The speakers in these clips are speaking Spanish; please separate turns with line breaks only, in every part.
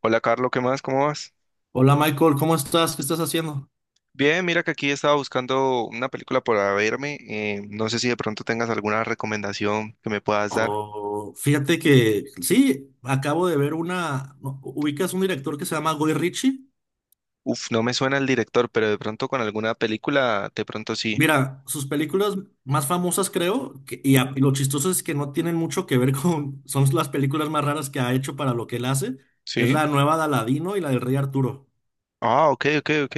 Hola Carlos, ¿qué más? ¿Cómo vas?
Hola Michael, ¿cómo estás? ¿Qué estás haciendo?
Bien, mira que aquí estaba buscando una película para verme. No sé si de pronto tengas alguna recomendación que me puedas dar.
Oh, fíjate que sí, acabo de ver una. No, ¿ubicas un director que se llama Guy Ritchie?
Uf, no me suena el director, pero de pronto con alguna película, de pronto sí.
Mira, sus películas más famosas creo, y lo chistoso es que no tienen mucho que ver con. Son las películas más raras que ha hecho para lo que él hace. Es
¿Sí?
la nueva de Aladino y la del Rey Arturo.
Ah, ok, ok, ok.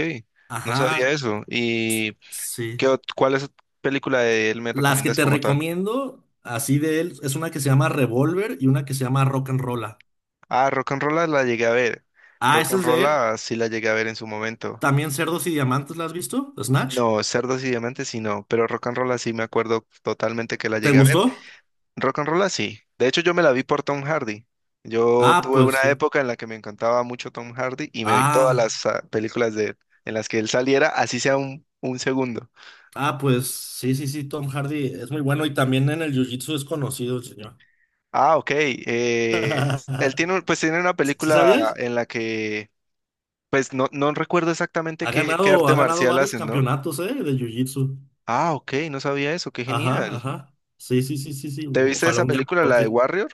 No sabía
Ajá,
eso. ¿Y
sí.
qué, cuál es película de él me
Las que
recomiendas
te
como tal?
recomiendo, así de él, es una que se llama Revolver y una que se llama Rock and Rolla.
Ah, Rock and Roll la llegué a ver.
Ah,
Rock
esa
and
es de él.
Roll sí la llegué a ver en su momento.
También Cerdos y Diamantes, ¿la has visto? ¿Snatch?
No, Cerdos y Diamantes sí no, pero Rock and Roll sí me acuerdo totalmente que la
¿Te
llegué a ver.
gustó?
Rock and roll ah, sí. De hecho, yo me la vi por Tom Hardy. Yo
Ah,
tuve
pues
una
sí.
época en la que me encantaba mucho Tom Hardy y me vi todas
Ah,
las películas de él, en las que él saliera, así sea un segundo.
ah, pues sí, sí, sí, Tom Hardy es muy bueno y también en el Jiu-Jitsu es conocido el señor.
Ah, ok. Él tiene, pues tiene una
¿Sí
película
sabías?
en la pues no recuerdo exactamente qué, qué
Ha
arte
ganado
marcial
varios
hacen, ¿no?
campeonatos, ¿eh? De Jiu-Jitsu.
Ah, ok, no sabía eso, qué
Ajá,
genial.
ajá. Sí, sí, sí, sí, sí.
¿Te viste
Ojalá
esa
un día me
película, la de
toque.
Warrior?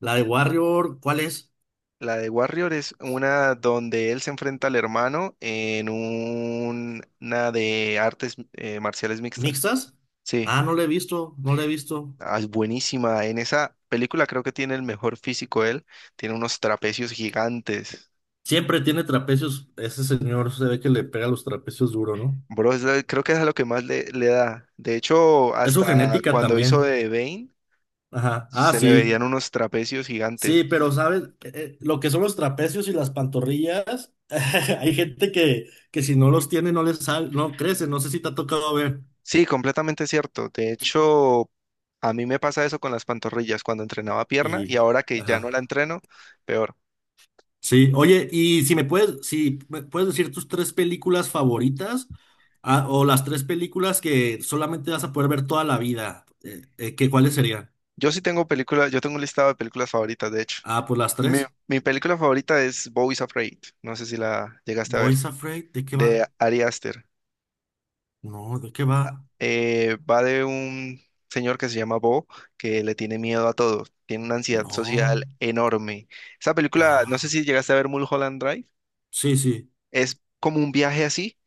La de Warrior, ¿cuál es?
La de Warrior es una donde él se enfrenta al hermano en una de artes marciales mixtas.
¿Mixtas?
Sí,
Ah, no la he visto, no la he visto.
ah, es buenísima. En esa película creo que tiene el mejor físico él. Tiene unos trapecios gigantes.
Siempre tiene trapecios. Ese señor se ve que le pega los trapecios duro, ¿no?
Bro, creo que es a lo que más le, le da. De hecho,
Es su
hasta
genética
cuando hizo
también.
de Bane,
Ajá. Ah,
se le veían
sí.
unos trapecios
Sí,
gigantes.
pero ¿sabes? Lo que son los trapecios y las pantorrillas, hay gente que, si no los tiene no les sal, no crece, no sé si te ha tocado ver.
Sí, completamente cierto. De hecho, a mí me pasa eso con las pantorrillas cuando entrenaba pierna y
Y,
ahora que ya no la
ajá.
entreno, peor.
Sí, oye, si me puedes decir tus tres películas favoritas, ah, o las tres películas que solamente vas a poder ver toda la vida, ¿ cuáles serían?
Yo sí tengo películas, yo tengo un listado de películas favoritas, de hecho.
Ah, pues las
Mi,
tres.
Mi película favorita es Bo is Afraid, no sé si la llegaste a ver,
Boys Afraid, ¿de qué
de
va?
Ari Aster.
No, ¿de qué va?
Va de un señor que se llama Bo, que le tiene miedo a todo, tiene una ansiedad
No.
social enorme. Esa película, no sé
Ah,
si llegaste a ver Mulholland Drive,
sí, sí.
es como un viaje así,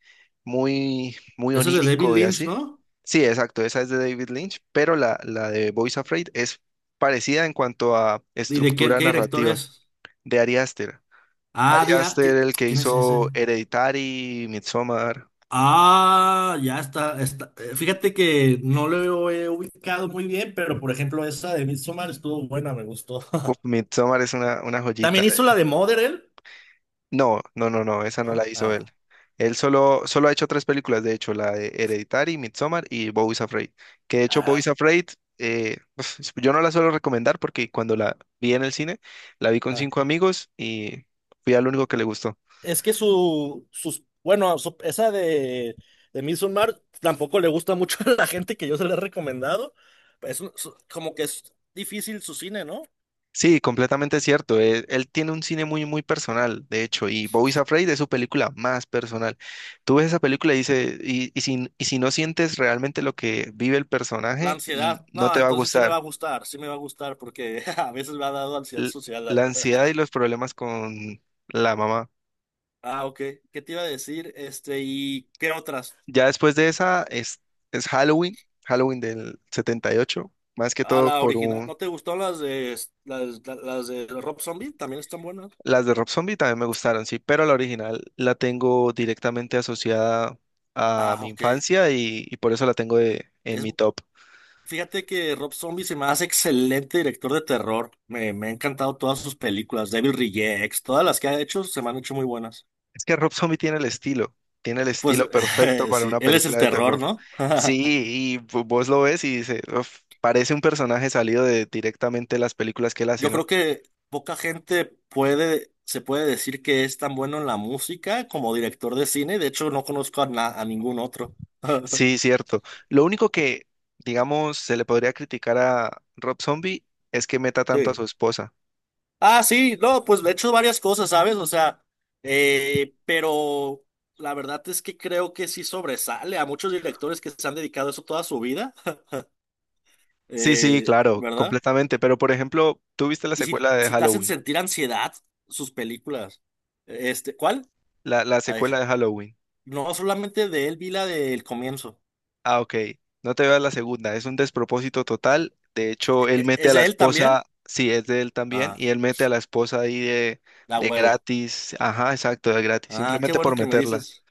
muy, muy
Eso es de David
onírico y
Lynch,
así.
¿no?
Sí, exacto, esa es de David Lynch, pero la de Bo is Afraid es parecida en cuanto a
¿Y de quién-
estructura
qué, director
narrativa.
es?
De Ari Aster. Ari Aster, el que
¿Quién es ese?
hizo Hereditary, Midsommar.
Ah, ya está, está. Fíjate que no lo he ubicado muy bien, pero por ejemplo, esa de Midsommar estuvo buena, me gustó.
Uf, Midsommar es una joyita.
También hizo la de Mother, él,
No, esa no la
¿no?
hizo él. Él solo ha hecho tres películas, de hecho, la de Hereditary, Midsommar y Boys Afraid. Que de hecho, Boys
Ah,
Afraid, uf, yo no la suelo recomendar porque cuando la vi en el cine, la vi con
ah.
cinco amigos y fui al único que le gustó.
Es que su, sus, bueno, su- esa de Midsommar tampoco le gusta mucho a la gente que yo se la he recomendado. Como que es difícil su cine, ¿no?
Sí, completamente cierto. Él tiene un cine muy, muy personal, de hecho, y Boys Afraid es su película más personal. Tú ves esa película y, dice, y si no sientes realmente lo que vive el
La
personaje,
ansiedad,
no
no,
te va a
entonces sí me va
gustar.
a gustar, sí me va a gustar porque a veces me ha dado ansiedad
L-
social, la
la
verdad.
ansiedad y los problemas con la mamá.
Ah, ok. ¿Qué te iba a decir? Este, ¿y qué otras?
Ya después de esa es Halloween, Halloween del 78, más que
Ah,
todo
la
por
original.
un,
¿No te gustó las de Rob Zombie? También están buenas.
Las de Rob Zombie también me gustaron, sí, pero la original la tengo directamente asociada a
Ah,
mi
ok.
infancia y por eso la tengo en
Es,
mi top.
fíjate que Rob Zombie se me hace excelente director de terror. Me han encantado todas sus películas, Devil Rejects, todas las que ha hecho se me han hecho muy buenas.
Es que Rob Zombie tiene el
Pues
estilo perfecto para
sí,
una
él es el
película de
terror,
terror.
¿no?
Sí, y vos lo ves y dices, "Uf, parece un personaje salido de directamente las películas que él hace,
Yo
¿no?
creo que poca gente puede, se puede decir que es tan bueno en la música como director de cine. De hecho, no conozco a, na- a ningún otro.
Sí, cierto. Lo único que, digamos, se le podría criticar a Rob Zombie es que meta tanto a
Sí.
su esposa.
Ah, sí, no, pues he hecho varias cosas, ¿sabes? O sea, pero la verdad es que creo que sí sobresale a muchos directores que se han dedicado a eso toda su vida,
Sí, sí, claro,
¿verdad?
completamente. Pero por ejemplo, ¿tú viste la
Y si,
secuela de
si te hacen
Halloween?
sentir ansiedad sus películas. Este, ¿cuál?
La
La de- Ja,
secuela de Halloween.
no, solamente de él vi la del comienzo.
Ah, ok. No te veas la segunda. Es un despropósito total. De hecho, él mete a
¿Es
la
de él también?
esposa, sí, es de él también,
Ah,
y él mete a la esposa ahí
la
de
huevo.
gratis. Ajá, exacto, de gratis,
Ah, qué
simplemente
bueno
por
que me
meterla.
dices.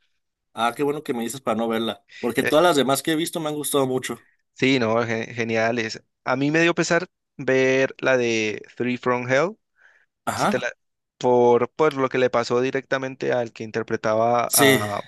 Ah, qué bueno que me dices para no verla. Porque
Eh,
todas las demás que he visto me han gustado mucho.
sí, no, ge- genial. Es, a mí me dio pesar ver la de Three from Hell, si te
Ajá.
la- por lo que le pasó directamente al que interpretaba
Sí,
a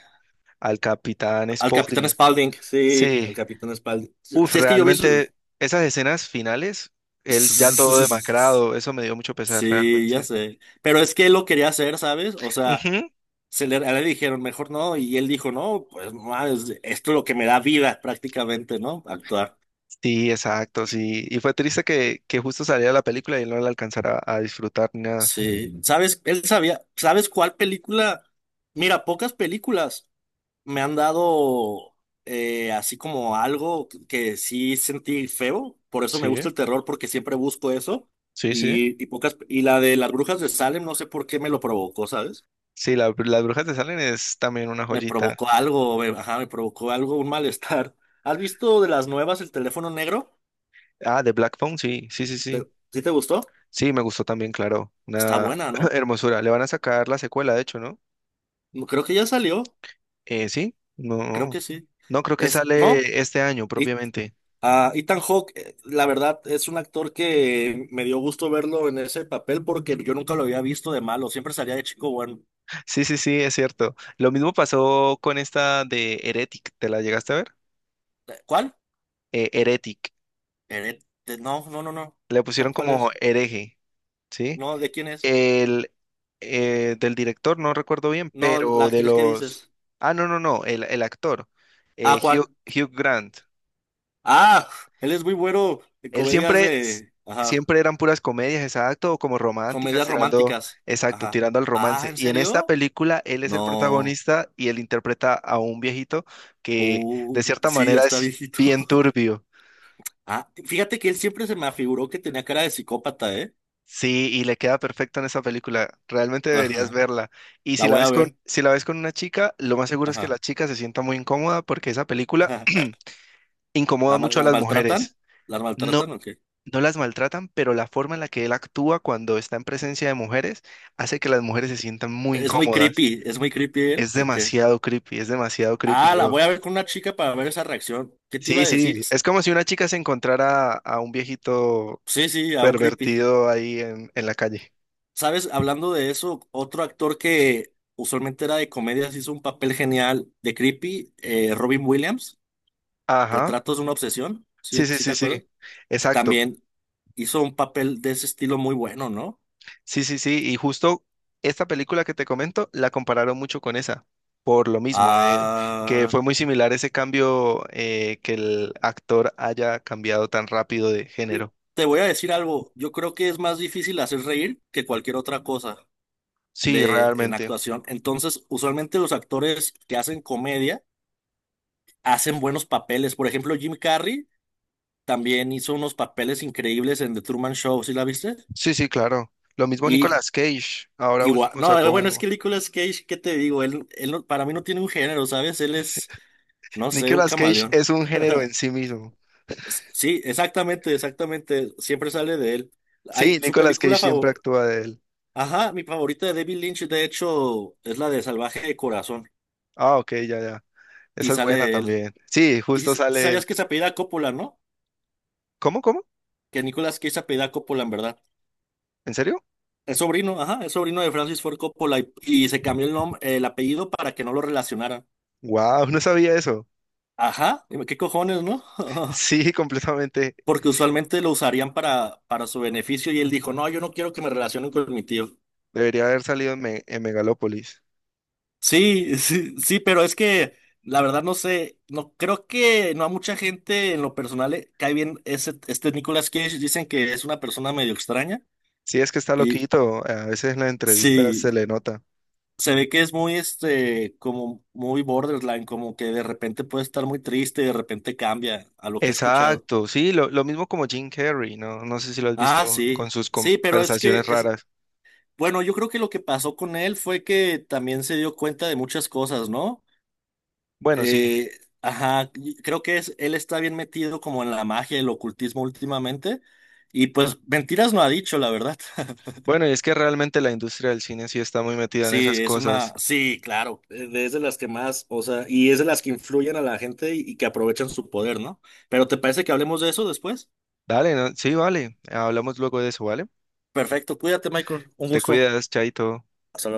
al capitán
al Capitán
Spaulding.
Spaulding. Sí, al
Sí,
Capitán Spaulding.
uf,
Si es que yo vi su...
realmente esas escenas finales, él ya todo demacrado, eso me dio mucho pesar
Sí, ya
realmente.
sé. Pero es que él lo quería hacer, ¿sabes? O sea,
Ujú,
a él le dijeron, mejor no. Y él dijo, no, pues no mames, esto es lo que me da vida prácticamente, ¿no? Actuar.
sí, exacto, sí. Y fue triste que justo saliera la película y él no la alcanzara a disfrutar ni nada.
Sí. ¿Sabes? Él sabía. ¿Sabes cuál película? Mira, pocas películas me han dado así como algo que sí sentí feo, por eso me gusta
Sí,
el terror, porque siempre busco eso.
sí, sí.
Y la de las brujas de Salem, no sé por qué me lo provocó, ¿sabes?
Sí, las brujas de Salem es también una
Me
joyita.
provocó algo, ajá, me provocó algo, un malestar. ¿Has visto de las nuevas el teléfono negro?
Ah, de Black Phone, sí, sí, sí,
¿Te-
sí.
¿Sí te gustó?
Sí, me gustó también, claro.
Está
Una
buena, ¿no?
hermosura. Le van a sacar la secuela, de hecho, ¿no?
No, creo que ya salió,
Sí, no.
creo que sí.
No, creo que
Es, ¿no?
sale este año propiamente.
Ah, Ethan Hawke, la verdad, es un actor que me dio gusto verlo en ese papel porque yo nunca lo había visto de malo, siempre salía de chico bueno.
Sí, sí, sí, es cierto. Lo mismo pasó con esta de Heretic, ¿te la llegaste a ver?
¿Cuál?
Heretic,
No, no, no, no.
le
¿Cuál,
pusieron
cuál
como
es?
hereje, ¿sí?
No, ¿de quién es?
El Del director, no recuerdo bien,
No, la
pero de
actriz que
los...
dices.
Ah, no, no, no, el actor,
Ah, ¿cuál?
Hugh Grant.
Ah, él es muy bueno en
Él
comedias
siempre,
de... Ajá,
siempre eran puras comedias, exacto, o como románticas,
comedias
tirando,
románticas.
exacto,
Ajá.
tirando al
Ah,
romance.
¿en
Y en esta
serio?
película, él es el
No.
protagonista y él interpreta a un viejito que de cierta
Sí, ya
manera
está
es
viejito.
bien turbio.
Ah, fíjate que él siempre se me afiguró que tenía cara de psicópata, ¿eh?
Sí, y le queda perfecto en esa película. Realmente deberías
Ajá.
verla. Y
La
si la
voy a
ves con,
ver.
si la ves con una chica, lo más seguro es que
Ajá.
la chica se sienta muy incómoda porque esa película
ajá.
incomoda mucho a
¿Las
las
maltratan?
mujeres.
¿Las
No,
maltratan o qué?
no las maltratan, pero la forma en la que él actúa cuando está en presencia de mujeres hace que las mujeres se sientan muy
Es muy
incómodas.
creepy. ¿Es muy creepy él o qué?
Es demasiado creepy,
Ah, la
bro.
voy a ver con una chica para ver esa reacción. ¿Qué te iba
Sí,
a decir?
sí,
S-
es como si una chica se encontrara a un viejito
Sí, sí, a un creepy.
pervertido ahí en la calle.
¿Sabes? Hablando de eso, otro actor que usualmente era de comedias hizo un papel genial de creepy, Robin Williams.
Ajá,
Retratos de una obsesión. Sí,
sí, sí,
sí te
sí, sí,
acuerdas.
exacto.
También hizo un papel de ese estilo muy bueno, ¿no?
Sí, sí, sí, y justo esta película que te comento la compararon mucho con esa, por lo mismo, que
Ah.
fue muy similar ese cambio que el actor haya cambiado tan rápido de
Mi-
género.
Te voy a decir algo, yo creo que es más difícil hacer reír que cualquier otra cosa
Sí,
de en
realmente.
actuación. Entonces, usualmente los actores que hacen comedia hacen buenos papeles. Por ejemplo, Jim Carrey también hizo unos papeles increíbles en The Truman Show, ¿sí la viste?
Sí, sí, claro. Lo mismo
Y
Nicolas Cage. Ahora
igual,
último
no,
sacó
bueno, es
uno.
que Nicolas Cage, ¿qué te digo? Él no- Para mí no tiene un género, ¿sabes? Él es, no sé, un
Nicolas Cage
camaleón.
es un género en sí mismo.
Sí, exactamente, exactamente, siempre sale de él. Hay
Sí,
su
Nicolas Cage
película
siempre
favorita.
actúa de él.
Ajá, mi favorita de David Lynch, de hecho, es la de Salvaje de Corazón,
Ah, ok, ya, ya.
y
Esa es buena
sale él.
también. Sí,
¿Y
justo
si
sale él.
sabías que se apellida Coppola, ¿no?
¿Cómo, cómo?
Que Nicolas Cage se apellida Coppola, en verdad.
¿En serio?
Es sobrino, ajá, es sobrino de Francis Ford Coppola, y, se cambió el nombre, el apellido para que no lo relacionaran.
Wow, no sabía eso.
Ajá, dime, qué cojones, ¿no?
Sí, completamente.
Porque usualmente lo usarían para, su beneficio, y él dijo, no, yo no quiero que me relacionen con mi tío.
Debería haber salido en, en Megalópolis.
Sí, sí, sí, pero es que la verdad no sé, no creo que no a mucha gente en lo personal le cae bien ese, este Nicolas Cage, dicen que es una persona medio extraña
Sí, es que está
y
loquito. A veces en las entrevistas se
sí,
le nota.
se ve que es muy este como muy borderline, como que de repente puede estar muy triste y de repente cambia a lo que he escuchado.
Exacto, sí, lo mismo como Jim Carrey, ¿no? No sé si lo has visto
Ah,
con
sí.
sus
Sí, pero es que
conversaciones
es
raras.
bueno, yo creo que lo que pasó con él fue que también se dio cuenta de muchas cosas, ¿no?
Bueno, sí.
Eh, ajá, y creo que es, él está bien metido como en la magia y el ocultismo últimamente. Y pues mentiras no ha dicho, la verdad.
Bueno, y es que realmente la industria del cine sí está muy metida en esas
Sí, es una,
cosas.
sí, claro, es de las que más, o sea, y es de las que influyen a la gente y, que aprovechan su poder, ¿no? Pero ¿te parece que hablemos de eso después?
Dale, ¿no? Sí, vale. Hablamos luego de eso, ¿vale?
Perfecto, cuídate, Michael. Un
Te
gusto.
cuidas, Chaito.
Hasta luego.